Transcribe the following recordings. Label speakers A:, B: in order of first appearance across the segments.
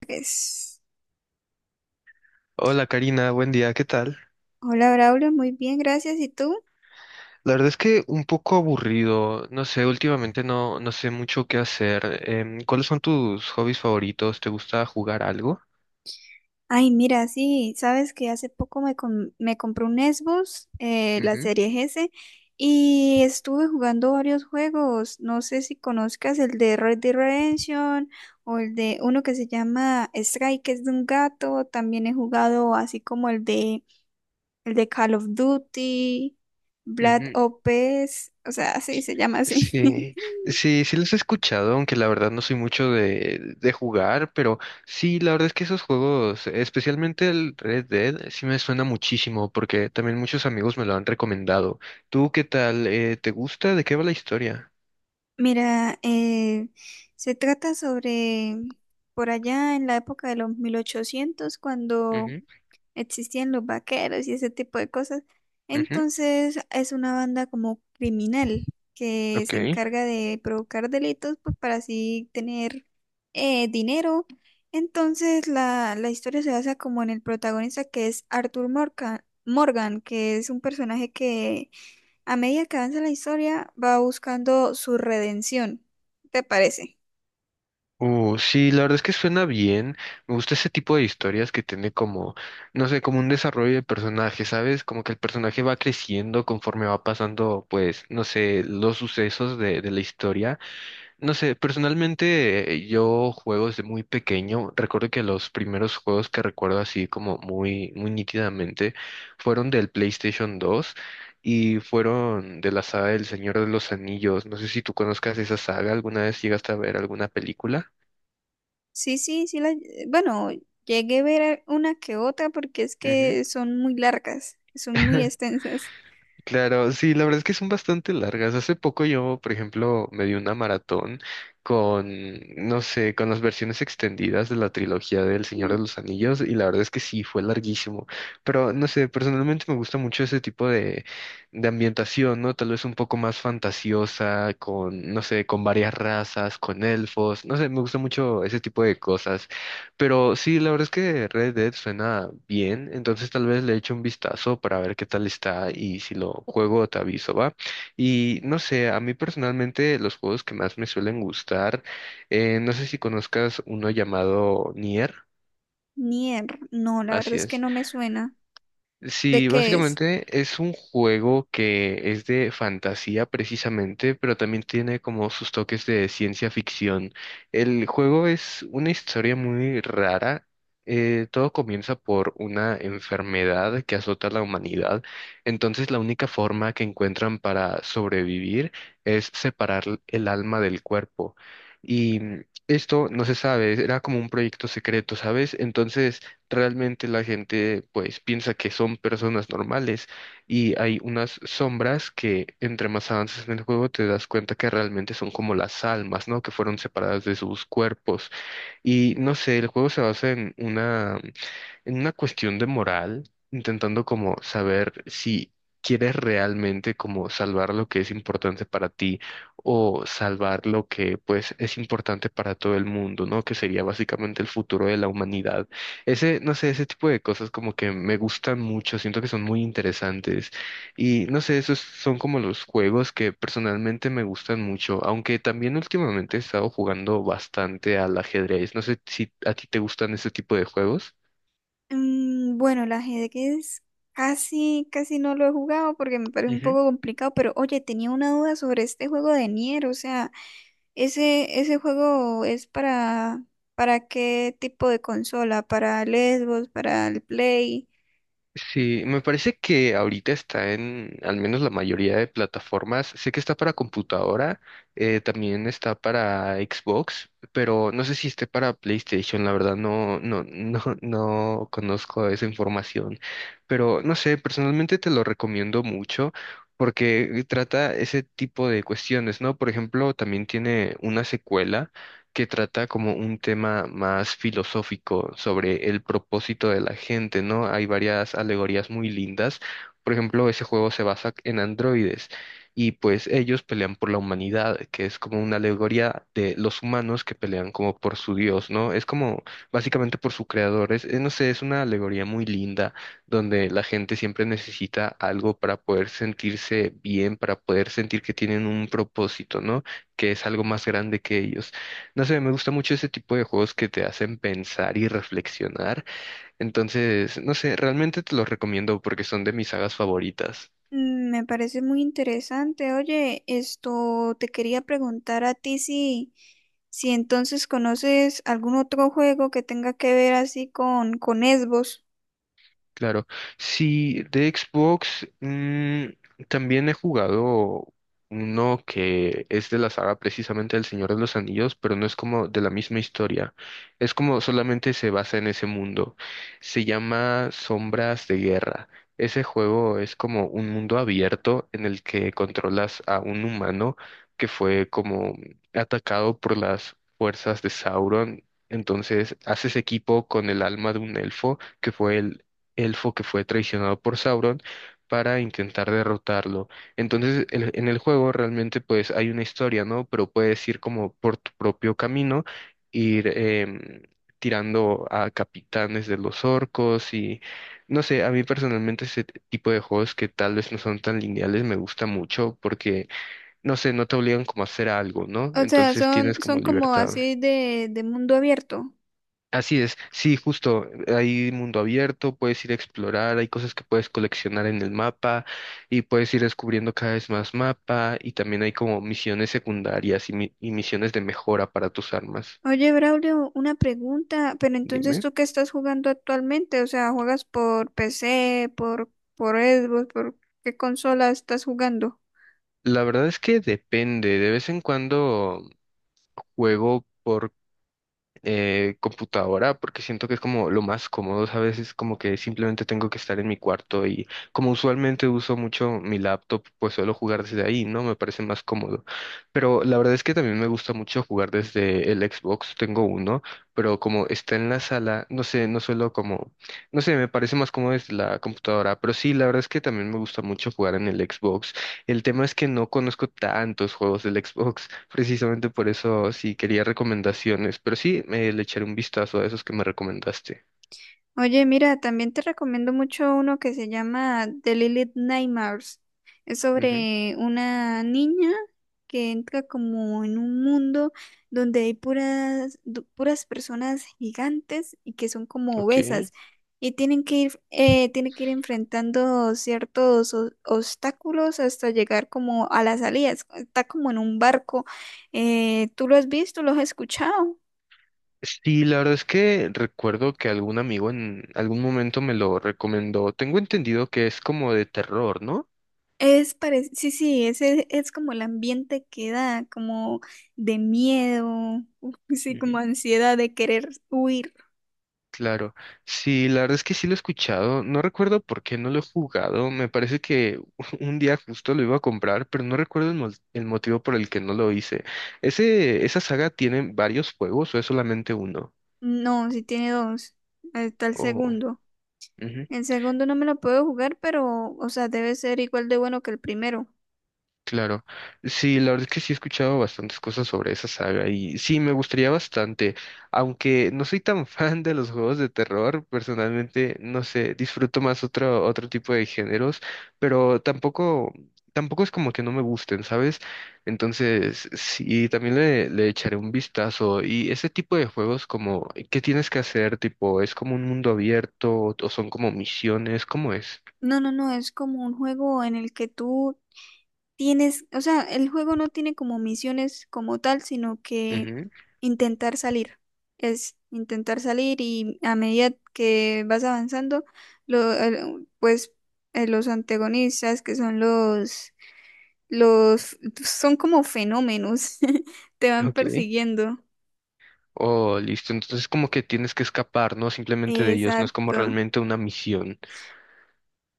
A: Pues,
B: Hola Karina, buen día, ¿qué tal?
A: hola Braulio, muy bien, gracias. ¿Y tú?
B: La verdad es que un poco aburrido, no sé, últimamente no sé mucho qué hacer. ¿Cuáles son tus hobbies favoritos? ¿Te gusta jugar algo?
A: Ay, mira, sí, sabes que hace poco me compré un Xbox, la
B: Ujú,
A: serie S, y estuve jugando varios juegos. No sé si conozcas el de Red Dead Redemption o el de uno que se llama Strike, que es de un gato. También he jugado así como el de Call of Duty, Black
B: ujú.
A: Ops, o sea, sí, se llama así.
B: Sí, sí los he escuchado, aunque la verdad no soy mucho de jugar, pero sí, la verdad es que esos juegos, especialmente el Red Dead, sí me suena muchísimo porque también muchos amigos me lo han recomendado. ¿Tú qué tal? ¿Te gusta? ¿De qué va la historia?
A: Mira, se trata sobre por allá en la época de los 1800 cuando
B: Ujú,
A: existían los vaqueros y ese tipo de cosas.
B: ujú,
A: Entonces es una banda como criminal que se
B: ok.
A: encarga de provocar delitos pues, para así tener dinero. Entonces la historia se basa como en el protagonista que es Arthur Morgan, que es un personaje que a medida que avanza la historia, va buscando su redención. ¿Te parece?
B: Sí, la verdad es que suena bien. Me gusta ese tipo de historias que tiene como, no sé, como un desarrollo de personaje, ¿sabes? Como que el personaje va creciendo conforme va pasando, pues, no sé, los sucesos de la historia. No sé, personalmente yo juego desde muy pequeño. Recuerdo que los primeros juegos que recuerdo así como muy, muy nítidamente fueron del PlayStation 2 y fueron de la saga del Señor de los Anillos. No sé si tú conozcas esa saga, ¿alguna vez llegaste a ver alguna película?
A: Sí, sí, sí. Bueno, llegué a ver una que otra porque es
B: Ujú.
A: que son muy largas, son muy extensas.
B: Claro, sí, la verdad es que son bastante largas. Hace poco yo, por ejemplo, me di una maratón con, no sé, con las versiones extendidas de la trilogía del Señor de
A: Mm,
B: los Anillos y la verdad es que sí, fue larguísimo. Pero, no sé, personalmente me gusta mucho ese tipo de ambientación, ¿no? Tal vez un poco más fantasiosa, con, no sé, con varias razas, con elfos, no sé, me gusta mucho ese tipo de cosas. Pero sí, la verdad es que Red Dead suena bien, entonces tal vez le eche un vistazo para ver qué tal está y si lo juego te aviso, ¿va? Y no sé, a mí personalmente los juegos que más me suelen gustar, no sé si conozcas uno llamado Nier,
A: Nier, no, la verdad
B: así
A: es que
B: es.
A: no me suena.
B: Sí,
A: ¿De qué es?
B: básicamente es un juego que es de fantasía precisamente, pero también tiene como sus toques de ciencia ficción. El juego es una historia muy rara. Todo comienza por una enfermedad que azota a la humanidad. Entonces la única forma que encuentran para sobrevivir es separar el alma del cuerpo. Y esto no se sabe, era como un proyecto secreto, ¿sabes? Entonces realmente la gente pues piensa que son personas normales y hay unas sombras que entre más avances en el juego te das cuenta que realmente son como las almas, ¿no? Que fueron separadas de sus cuerpos y no sé, el juego se basa en una cuestión de moral, intentando como saber si quieres realmente como salvar lo que es importante para ti o salvar lo que pues es importante para todo el mundo, ¿no? Que sería básicamente el futuro de la humanidad. Ese, no sé, ese tipo de cosas como que me gustan mucho, siento que son muy interesantes y no sé, esos son como los juegos que personalmente me gustan mucho, aunque también últimamente he estado jugando bastante al ajedrez. No sé si a ti te gustan ese tipo de juegos.
A: Mm, bueno, el ajedrez casi, casi no lo he jugado porque me parece un poco complicado, pero oye, tenía una duda sobre este juego de Nier, o sea. Ese juego es ¿para qué tipo de consola? ¿Para el Xbox? ¿Para el Play?
B: Sí, me parece que ahorita está en al menos la mayoría de plataformas. Sé que está para computadora, también está para Xbox, pero no sé si esté para PlayStation. La verdad no conozco esa información. Pero no sé, personalmente te lo recomiendo mucho porque trata ese tipo de cuestiones, ¿no? Por ejemplo, también tiene una secuela que trata como un tema más filosófico sobre el propósito de la gente, ¿no? Hay varias alegorías muy lindas. Por ejemplo, ese juego se basa en androides y pues ellos pelean por la humanidad, que es como una alegoría de los humanos que pelean como por su Dios, ¿no? Es como básicamente por su creador. Es, no sé, es una alegoría muy linda donde la gente siempre necesita algo para poder sentirse bien, para poder sentir que tienen un propósito, ¿no? Que es algo más grande que ellos. No sé, me gusta mucho ese tipo de juegos que te hacen pensar y reflexionar. Entonces, no sé, realmente te los recomiendo porque son de mis sagas favoritas.
A: Mm, me parece muy interesante. Oye, esto te quería preguntar a ti si, si entonces conoces algún otro juego que tenga que ver así con Xbox.
B: Claro. Sí, de Xbox también he jugado uno que es de la saga precisamente del Señor de los Anillos, pero no es como de la misma historia. Es como solamente se basa en ese mundo. Se llama Sombras de Guerra. Ese juego es como un mundo abierto en el que controlas a un humano que fue como atacado por las fuerzas de Sauron. Entonces haces equipo con el alma de un elfo que fue el elfo que fue traicionado por Sauron para intentar derrotarlo. Entonces, en el juego realmente pues hay una historia, ¿no? Pero puedes ir como por tu propio camino, ir tirando a capitanes de los orcos y no sé, a mí personalmente ese tipo de juegos que tal vez no son tan lineales me gusta mucho porque, no sé, no te obligan como a hacer algo, ¿no?
A: O sea,
B: Entonces
A: son,
B: tienes como
A: son como
B: libertad.
A: así de mundo abierto.
B: Así es, sí, justo, hay mundo abierto, puedes ir a explorar, hay cosas que puedes coleccionar en el mapa y puedes ir descubriendo cada vez más mapa y también hay como misiones secundarias y, y misiones de mejora para tus armas.
A: Oye, Braulio, una pregunta, pero entonces
B: Dime.
A: tú qué estás jugando actualmente, o sea, ¿juegas por PC, por Xbox, por qué consola estás jugando?
B: La verdad es que depende, de vez en cuando juego computadora porque siento que es como lo más cómodo, a veces como que simplemente tengo que estar en mi cuarto y como usualmente uso mucho mi laptop, pues suelo jugar desde ahí, ¿no? Me parece más cómodo. Pero la verdad es que también me gusta mucho jugar desde el Xbox, tengo uno, pero como está en la sala, no sé, no suelo como, no sé, me parece más cómodo desde la computadora, pero sí, la verdad es que también me gusta mucho jugar en el Xbox. El tema es que no conozco tantos juegos del Xbox. Precisamente por eso sí quería recomendaciones, pero sí le echaré un vistazo a esos que me recomendaste.
A: Oye, mira, también te recomiendo mucho uno que se llama The Lilith Nightmares. Es
B: Ujú,
A: sobre una niña que entra como en un mundo donde hay puras personas gigantes y que son como
B: ok.
A: obesas y tiene que ir enfrentando ciertos obstáculos hasta llegar como a las salidas. Está como en un barco. ¿Tú lo has visto? ¿Lo has escuchado?
B: Sí, la verdad es que recuerdo que algún amigo en algún momento me lo recomendó. Tengo entendido que es como de terror, ¿no?
A: Sí, sí, ese es como el ambiente que da, como de miedo. Sí, como
B: Ujú.
A: ansiedad de querer huir.
B: Claro. Sí, la verdad es que sí lo he escuchado. No recuerdo por qué no lo he jugado. Me parece que un día justo lo iba a comprar, pero no recuerdo el motivo por el que no lo hice. ¿Ese, esa saga tiene varios juegos o es solamente uno?
A: No, sí tiene dos. Ahí está el
B: Oh.
A: segundo.
B: Ujú.
A: El segundo no me lo puedo jugar, pero, o sea, debe ser igual de bueno que el primero.
B: Claro, sí, la verdad es que sí he escuchado bastantes cosas sobre esa saga y sí, me gustaría bastante, aunque no soy tan fan de los juegos de terror, personalmente, no sé, disfruto más otro, otro tipo de géneros, pero tampoco, tampoco es como que no me gusten, ¿sabes? Entonces, sí, también le echaré un vistazo y ese tipo de juegos como, ¿qué tienes que hacer? Tipo, ¿es como un mundo abierto o son como misiones? ¿Cómo es?
A: No, no, no, es como un juego en el que tú tienes, o sea, el juego no tiene como misiones como tal, sino que
B: Ujú,
A: intentar salir. Es intentar salir y a medida que vas avanzando, lo, el- pues los antagonistas, que son los, son como fenómenos, te van
B: ok.
A: persiguiendo.
B: Oh, listo. Entonces como que tienes que escapar, ¿no? Simplemente de ellos. No es como
A: Exacto.
B: realmente una misión.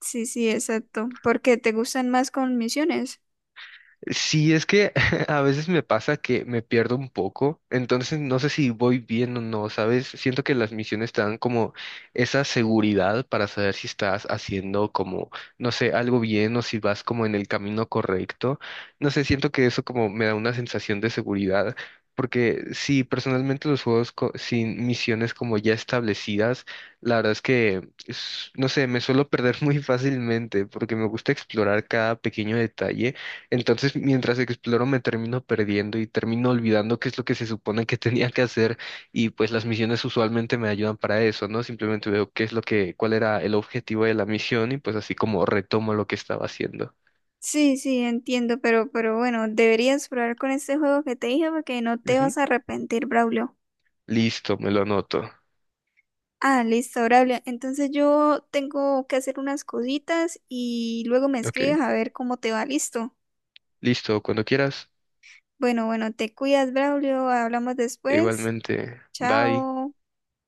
A: Sí, sí, exacto. Porque te gustan más con misiones.
B: Sí, es que a veces me pasa que me pierdo un poco, entonces no sé si voy bien o no, ¿sabes? Siento que las misiones te dan como esa seguridad para saber si estás haciendo como, no sé, algo bien o si vas como en el camino correcto. No sé, siento que eso como me da una sensación de seguridad, porque sí, personalmente los juegos sin misiones como ya establecidas, la verdad es que, no sé, me suelo perder muy fácilmente porque me gusta explorar cada pequeño detalle. Entonces, mientras exploro, me termino perdiendo y termino olvidando qué es lo que se supone que tenía que hacer. Y pues las misiones usualmente me ayudan para eso, ¿no? Simplemente veo qué es lo que, cuál era el objetivo de la misión y pues así como retomo lo que estaba haciendo.
A: Sí, sí, entiendo, pero bueno, deberías probar con este juego que te dije porque no te
B: Ujú.
A: vas a arrepentir, Braulio.
B: Listo, me lo anoto.
A: Ah, listo, Braulio. Entonces yo tengo que hacer unas cositas y luego me
B: Ok.
A: escribes a ver cómo te va, listo.
B: Listo, cuando quieras.
A: Bueno, bueno, te cuidas, Braulio. Hablamos después.
B: Igualmente. Bye.
A: Chao.